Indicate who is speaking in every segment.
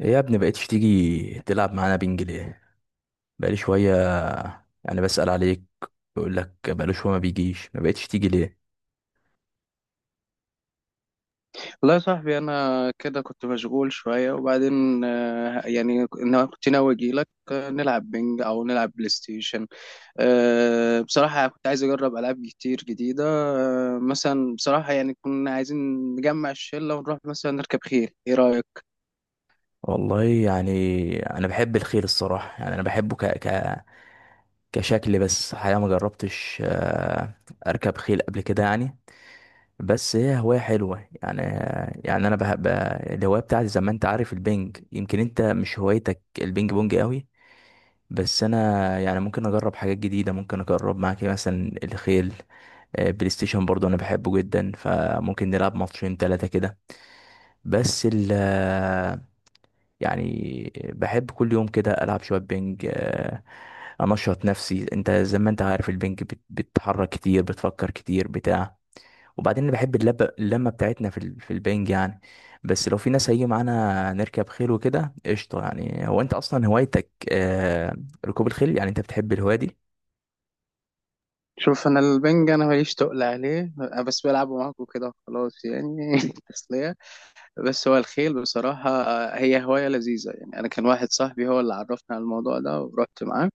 Speaker 1: إيه يا ابني، بقيتش تيجي تلعب معانا بينج ليه؟ بقالي شوية. يعني بسأل عليك. بيقول لك بقاله شوية، ما بيجيش، ما بقيتش تيجي ليه؟
Speaker 2: والله يا صاحبي انا كده كنت مشغول شويه وبعدين، يعني انا كنت ناوي اجي لك، نلعب بينج او نلعب بلاي ستيشن. بصراحه يعني كنت عايز اجرب العاب كتير جديده. مثلا بصراحه يعني كنا عايزين نجمع الشله ونروح مثلا نركب خيل، ايه رايك؟
Speaker 1: والله يعني. انا بحب الخيل الصراحة، يعني انا بحبه كشكل. بس الحقيقة ما جربتش، اركب خيل قبل كده يعني. بس هي هواية حلوة يعني. يعني انا بحب الهواية بتاعتي زي ما انت عارف. البينج يمكن انت مش هوايتك، البينج بونج قوي. بس انا يعني ممكن اجرب حاجات جديدة، ممكن اجرب معاك مثلا الخيل. بلاي ستيشن برضو انا بحبه جدا، فممكن نلعب ماتشين ثلاثة كده. بس ال آه، يعني بحب كل يوم كده العب شوية بينج، انشط نفسي. انت زي ما انت عارف البينج بتتحرك كتير، بتفكر كتير، بتاع. وبعدين انا بحب اللمه بتاعتنا في البنج يعني. بس لو في ناس هيجي معانا نركب خيل وكده قشطه. يعني هو انت اصلا هوايتك ركوب الخيل. يعني انت بتحب الهوايه دي؟
Speaker 2: شوف، انا البنج انا ماليش تقل عليه، أنا بس بلعبه معاكم كده خلاص يعني تسليه. بس هو الخيل بصراحه هي هوايه لذيذه، يعني انا كان واحد صاحبي هو اللي عرفني على الموضوع ده ورحت معاه.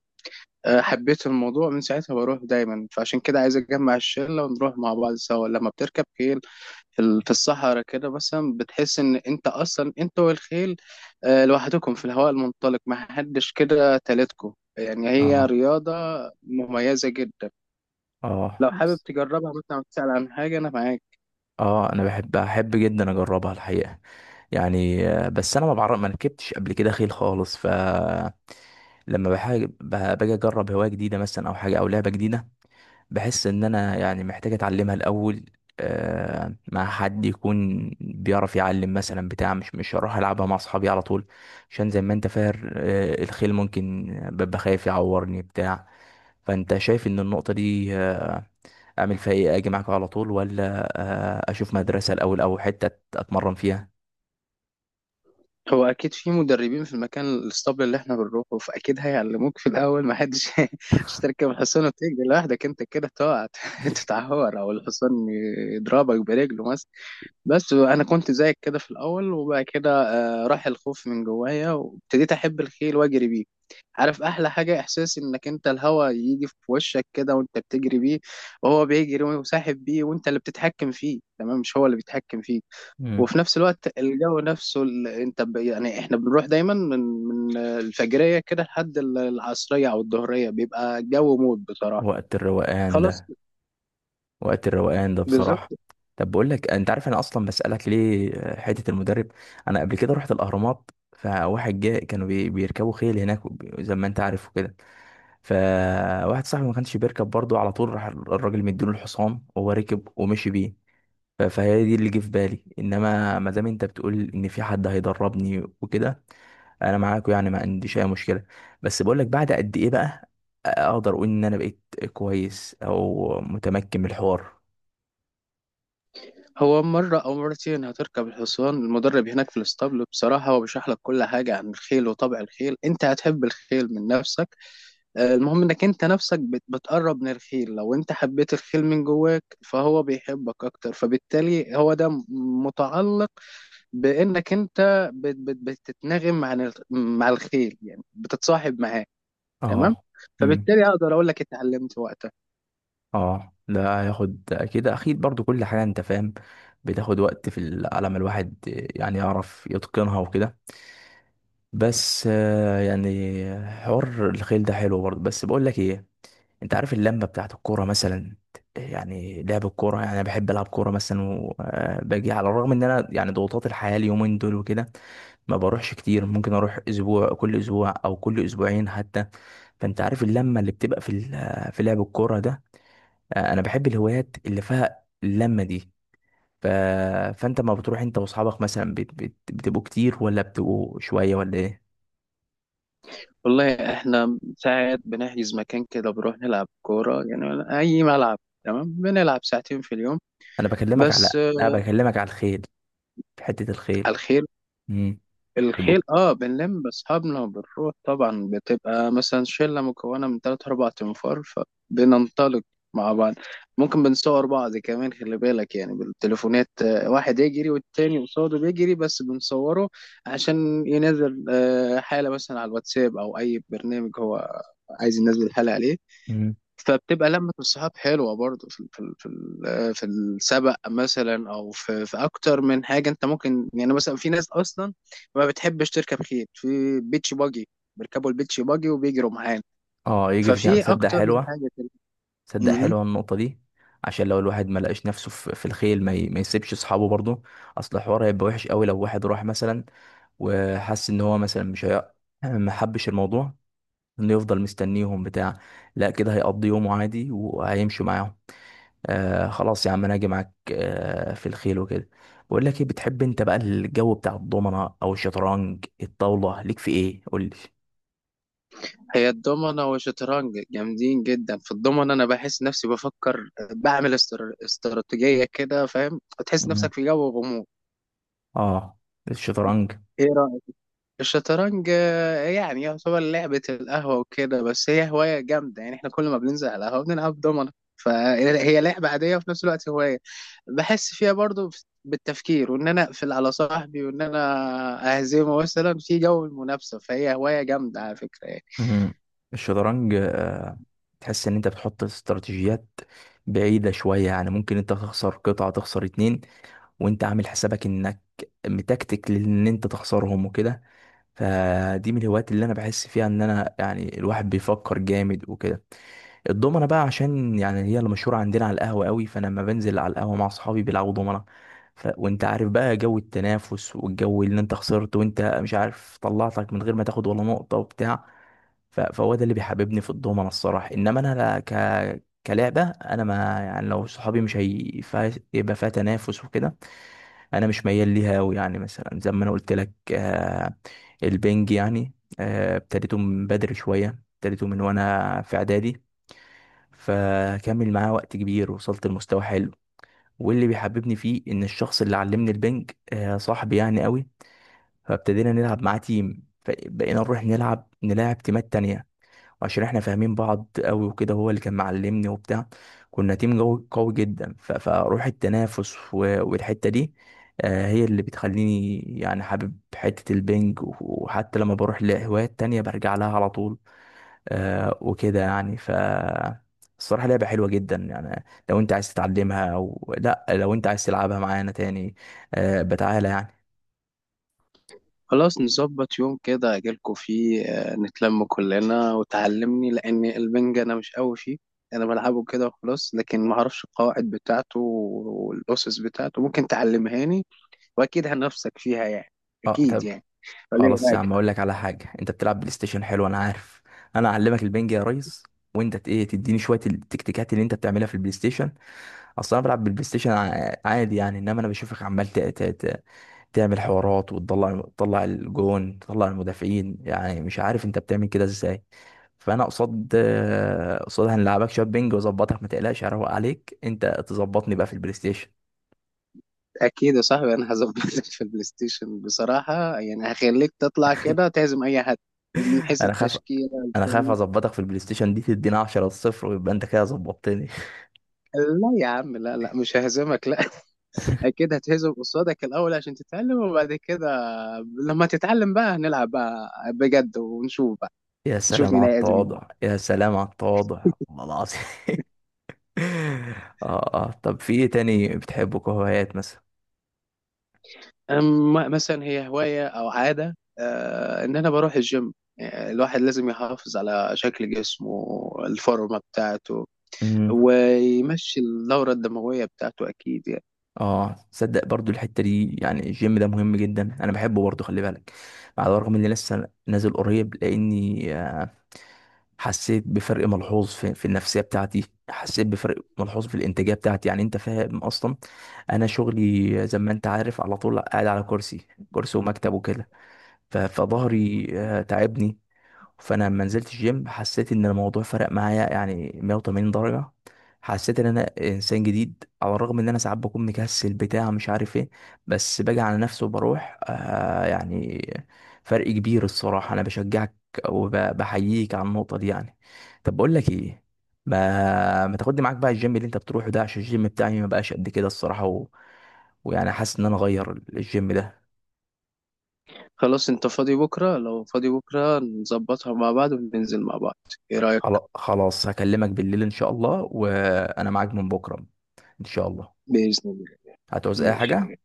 Speaker 2: حبيت الموضوع من ساعتها، بروح دايما، فعشان كده عايز اجمع الشله ونروح مع بعض سوا. لما بتركب خيل في الصحراء كده مثلا بتحس ان انت اصلا انت والخيل لوحدكم في الهواء المنطلق، ما حدش كده تالتكم. يعني هي
Speaker 1: اه.
Speaker 2: رياضه مميزه جدا.
Speaker 1: اه.
Speaker 2: لو حابب تجربها مثلا أو تسأل عن حاجه انا معاك.
Speaker 1: اه، انا بحب احب جدا اجربها الحقيقه يعني، بس انا ما بعرف، ما ركبتش قبل كده خيل خالص. لما باجي اجرب هوايه جديده مثلا او حاجه او لعبه جديده، بحس ان انا يعني محتاج اتعلمها الاول، مع حد يكون بيعرف يعلم مثلا بتاع. مش هروح العبها مع اصحابي على طول، عشان زي ما انت فاهم، الخيل ممكن ببقى خايف يعورني بتاع. فانت شايف ان النقطه دي اعمل فيها ايه؟ اجي معاكم على طول، ولا اشوف مدرسة الاول او حتة اتمرن فيها؟
Speaker 2: هو اكيد في مدربين في المكان الاسطبل اللي احنا بنروحه، فاكيد هيعلموك في الاول. ما حدش مش تركب الحصان وتجري لوحدك، انت كده تقع تتعور او الحصان يضربك برجله مثلا. بس انا كنت زيك كده في الاول، وبعد كده راح الخوف من جوايا وابتديت احب الخيل واجري بيه. عارف احلى حاجه؟ احساس انك انت الهوا يجي في وشك كده وانت بتجري بيه، وهو بيجري وساحب بيه وانت اللي بتتحكم فيه تمام، مش هو اللي بيتحكم فيك.
Speaker 1: مم.
Speaker 2: وفي نفس الوقت الجو نفسه، انت يعني احنا بنروح دايما من الفجريه كده لحد العصريه او الظهريه، بيبقى الجو موت بصراحه.
Speaker 1: وقت الروقان
Speaker 2: خلاص.
Speaker 1: ده. وقت الروقان ده
Speaker 2: بالظبط.
Speaker 1: بصراحة. طب بقول لك، انت عارف انا اصلا بسألك ليه حتة المدرب؟ انا قبل كده رحت الاهرامات، فواحد جاء كانوا بيركبوا خيل هناك، زي ما انت عارف وكده. فواحد صاحبي ما كانش بيركب برضه، على طول راح الراجل مديله الحصان وهو ركب ومشي بيه. فهي دي اللي جه في بالي، انما ما دام انت بتقول ان في حد هيدربني وكده، انا معاكوا يعني، ما عنديش اي مشكله. بس بقول لك، بعد قد ايه بقى اقدر اقول ان انا بقيت كويس او متمكن من الحوار؟
Speaker 2: هو مرة أو مرتين هتركب الحصان، المدرب هناك في الاسطبل بصراحة هو بيشرح لك كل حاجة عن الخيل وطبع الخيل، أنت هتحب الخيل من نفسك. المهم إنك أنت نفسك بتقرب من الخيل، لو أنت حبيت الخيل من جواك فهو بيحبك أكتر، فبالتالي هو ده متعلق بانك انت بتتناغم مع الخيل، يعني بتتصاحب معاه تمام.
Speaker 1: اه. امم
Speaker 2: فبالتالي اقدر اقول لك اتعلمت وقتها.
Speaker 1: اه، ده هياخد اكيد اكيد برضو، كل حاجه انت فاهم بتاخد وقت على ما الواحد يعني يعرف يتقنها وكده. بس يعني حوار الخيل ده حلو برضو. بس بقول لك ايه، انت عارف اللمه بتاعت الكوره مثلا؟ يعني لعب الكوره، يعني انا بحب العب كوره مثلا وباجي. على الرغم ان انا يعني ضغوطات الحياه اليومين دول وكده ما بروحش كتير، ممكن اروح اسبوع، كل اسبوع او كل اسبوعين حتى. فانت عارف اللمه اللي بتبقى في لعب الكوره ده. انا بحب الهوايات اللي فيها اللمه دي. ف... فانت ما بتروح انت واصحابك مثلا بتبقوا كتير ولا بتبقوا شويه ولا ايه؟
Speaker 2: والله احنا ساعات بنحجز مكان كده بنروح نلعب كوره، يعني اي ملعب تمام بنلعب ساعتين في اليوم.
Speaker 1: انا بكلمك على.
Speaker 2: بس
Speaker 1: لا، بكلمك على الخيل، في حته الخيل.
Speaker 2: الخيل
Speaker 1: امم
Speaker 2: الخيل اه بنلم بأصحابنا وبنروح طبعا، بتبقى مثلا شلة مكونة من تلات أربع تنفار، فبننطلق مع بعض. ممكن بنصور بعض كمان، خلي بالك يعني بالتليفونات. واحد يجري والتاني قصاده بيجري بس بنصوره عشان ينزل حالة مثلا على الواتساب أو أي برنامج هو عايز ينزل حالة عليه.
Speaker 1: يبقوا.
Speaker 2: فبتبقى لمة الصحاب حلوة برضه، في السبق مثلا، أو في أكتر من حاجة. أنت ممكن يعني مثلا في ناس أصلا ما بتحبش تركب خيل، في بيتش باجي، بيركبوا البيتش باجي وبيجروا معانا.
Speaker 1: اه يجري جنب،
Speaker 2: ففي
Speaker 1: تصدق
Speaker 2: أكتر من
Speaker 1: حلوة.
Speaker 2: حاجة كده
Speaker 1: تصدق
Speaker 2: مهم.
Speaker 1: حلوة النقطة دي. عشان لو الواحد ما لقاش نفسه في الخيل، ما يسيبش اصحابه برضه. اصل الحوار هيبقى وحش قوي لو واحد راح مثلا وحس ان هو مثلا مش هي... ما حبش الموضوع، انه يفضل مستنيهم بتاع. لا، كده هيقضي يومه عادي وهيمشي معاهم. خلاص يا عم، انا هاجي معاك في الخيل وكده. بقول لك ايه، بتحب انت بقى الجو بتاع الضمنة او الشطرنج الطاولة؟ ليك في ايه قول لي.
Speaker 2: هي الضمنة والشطرنج جامدين جدا. في الضمنة أنا بحس نفسي بفكر، بعمل استراتيجية كده، فاهم، تحس
Speaker 1: مم.
Speaker 2: نفسك في جو غموض.
Speaker 1: اه. الشطرنج.
Speaker 2: إيه رأيك؟ الشطرنج يعني يعتبر لعبة القهوة وكده، بس هي هواية جامدة. يعني احنا كل ما بننزل على القهوة بنلعب دومنة، فهي لعبة عادية وفي نفس الوقت هواية بحس فيها برضو بالتفكير، وان انا اقفل على صاحبي وان انا اهزمه مثلا في جو المنافسة، فهي هواية جامدة على فكرة يعني.
Speaker 1: مم. الشطرنج تحس ان انت بتحط استراتيجيات بعيدة شوية. يعني ممكن انت تخسر قطعة، تخسر اتنين، وانت عامل حسابك انك متكتك لان انت تخسرهم وكده. فدي من الهوايات اللي انا بحس فيها ان انا يعني الواحد بيفكر جامد وكده. الضمنة بقى عشان يعني هي اللي مشهورة عندنا على القهوة قوي، فانا لما بنزل على القهوة مع اصحابي بيلعبوا ضمنة. وانت عارف بقى جو التنافس، والجو اللي انت خسرت وانت مش عارف طلعتك من غير ما تاخد ولا نقطة وبتاع. فهو ده اللي بيحببني في الضومنة الصراحة. انما انا لا كلعبة، انا ما يعني، لو صحابي مش يبقى فيها تنافس وكده انا مش ميال ليها قوي. يعني مثلا زي ما انا قلت لك، البنج يعني. ابتديته من بدري شوية، ابتديته من وانا في اعدادي، فكمل معاه وقت كبير، وصلت لمستوى حلو. واللي بيحببني فيه ان الشخص اللي علمني البنج، صاحبي يعني قوي، فابتدينا نلعب معاه تيم، فبقينا نروح نلاعب تيمات تانية، عشان احنا فاهمين بعض قوي وكده. هو اللي كان معلمني وبتاع، كنا تيم قوي قوي جدا. فروح التنافس والحتة دي، هي اللي بتخليني يعني حابب حتة البنج، وحتى لما بروح لهوايات تانية برجع لها على طول. وكده يعني. الصراحة لعبة حلوة جدا يعني. لو انت عايز تتعلمها او لا، لو انت عايز تلعبها معانا تاني بتعالى يعني.
Speaker 2: خلاص نظبط يوم كده اجيلكوا فيه، نتلم كلنا وتعلمني، لان البنج انا مش قوي فيه. انا بلعبه كده وخلاص، لكن ما اعرفش القواعد بتاعته والاسس بتاعته، ممكن تعلمهاني واكيد هنفسك فيها يعني. اكيد
Speaker 1: اه.
Speaker 2: يعني، ولا ايه
Speaker 1: خلاص يا
Speaker 2: رايك؟
Speaker 1: عم، اقول لك على حاجه، انت بتلعب بلاي ستيشن حلو انا عارف. انا اعلمك البنج يا ريس، وانت ايه تديني شويه التكتيكات اللي انت بتعملها في البلاي ستيشن. اصلا انا بلعب بالبلاي ستيشن عادي يعني، انما انا بشوفك عمال تعمل حوارات، وتطلع الجون، تطلع المدافعين، يعني مش عارف انت بتعمل كده ازاي. فانا قصاد هنلعبك شويه بينج واظبطك، ما تقلقش هروق عليك، انت تظبطني بقى في البلاي ستيشن.
Speaker 2: اكيد يا صاحبي، انا هظبطك في البلاي ستيشن بصراحه، يعني هخليك تطلع كده تهزم اي حد من حيث
Speaker 1: انا خاف
Speaker 2: التشكيله
Speaker 1: انا خايف
Speaker 2: الفريق.
Speaker 1: اظبطك في البلاي ستيشن دي، تدينا 10 صفر ويبقى انت كده ظبطتني.
Speaker 2: لا يا عم، لا، لا، مش ههزمك، لا اكيد هتهزم قصادك الاول عشان تتعلم، وبعد كده لما تتعلم بقى هنلعب بقى بجد، ونشوف بقى،
Speaker 1: يا
Speaker 2: نشوف
Speaker 1: سلام
Speaker 2: مين
Speaker 1: على
Speaker 2: هيهزم مين.
Speaker 1: التواضع، يا سلام على التواضع، والله العظيم. اه اه، طب في ايه تاني بتحبه كهوايات مثلا؟
Speaker 2: اما مثلا هي هوايه او عاده، آه ان انا بروح الجيم. الواحد لازم يحافظ على شكل جسمه، الفورمة بتاعته،
Speaker 1: امم
Speaker 2: ويمشي الدورة الدموية بتاعته، أكيد يعني.
Speaker 1: اه، صدق برضو الحته دي، يعني الجيم ده مهم جدا، انا بحبه برضو خلي بالك. على الرغم اني لسه نازل قريب، لاني حسيت بفرق ملحوظ في النفسيه بتاعتي، حسيت بفرق ملحوظ في الانتاجيه بتاعتي. يعني انت فاهم اصلا، انا شغلي زي ما انت عارف على طول قاعد على كرسي. كرسي ومكتب وكده، فظهري تعبني. فانا لما نزلت الجيم حسيت ان الموضوع فرق معايا يعني 180 درجة، حسيت ان انا انسان جديد. على الرغم ان انا ساعات بكون مكسل بتاع مش عارف ايه، بس باجي على نفسي وبروح يعني. فرق كبير الصراحة، انا بشجعك وبحييك على النقطة دي يعني. طب بقول لك ايه، ما تاخدني معاك بقى الجيم اللي انت بتروحه ده؟ عشان الجيم بتاعي ما بقاش قد كده الصراحة، ويعني حاسس ان انا اغير الجيم ده.
Speaker 2: خلاص أنت فاضي بكرة؟ لو فاضي بكرة نظبطها مع بعض وننزل مع بعض. إيه رأيك؟
Speaker 1: خلاص هكلمك بالليل ان شاء الله، وانا معاك من بكره ان شاء الله.
Speaker 2: بإذن الله.
Speaker 1: هتعوز اي
Speaker 2: ماشي يا
Speaker 1: حاجه.
Speaker 2: جدع.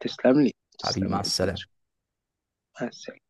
Speaker 2: تسلم لي.
Speaker 1: حبيبي
Speaker 2: تسلم
Speaker 1: مع
Speaker 2: لي يا كبير.
Speaker 1: السلامه.
Speaker 2: مع السلامة.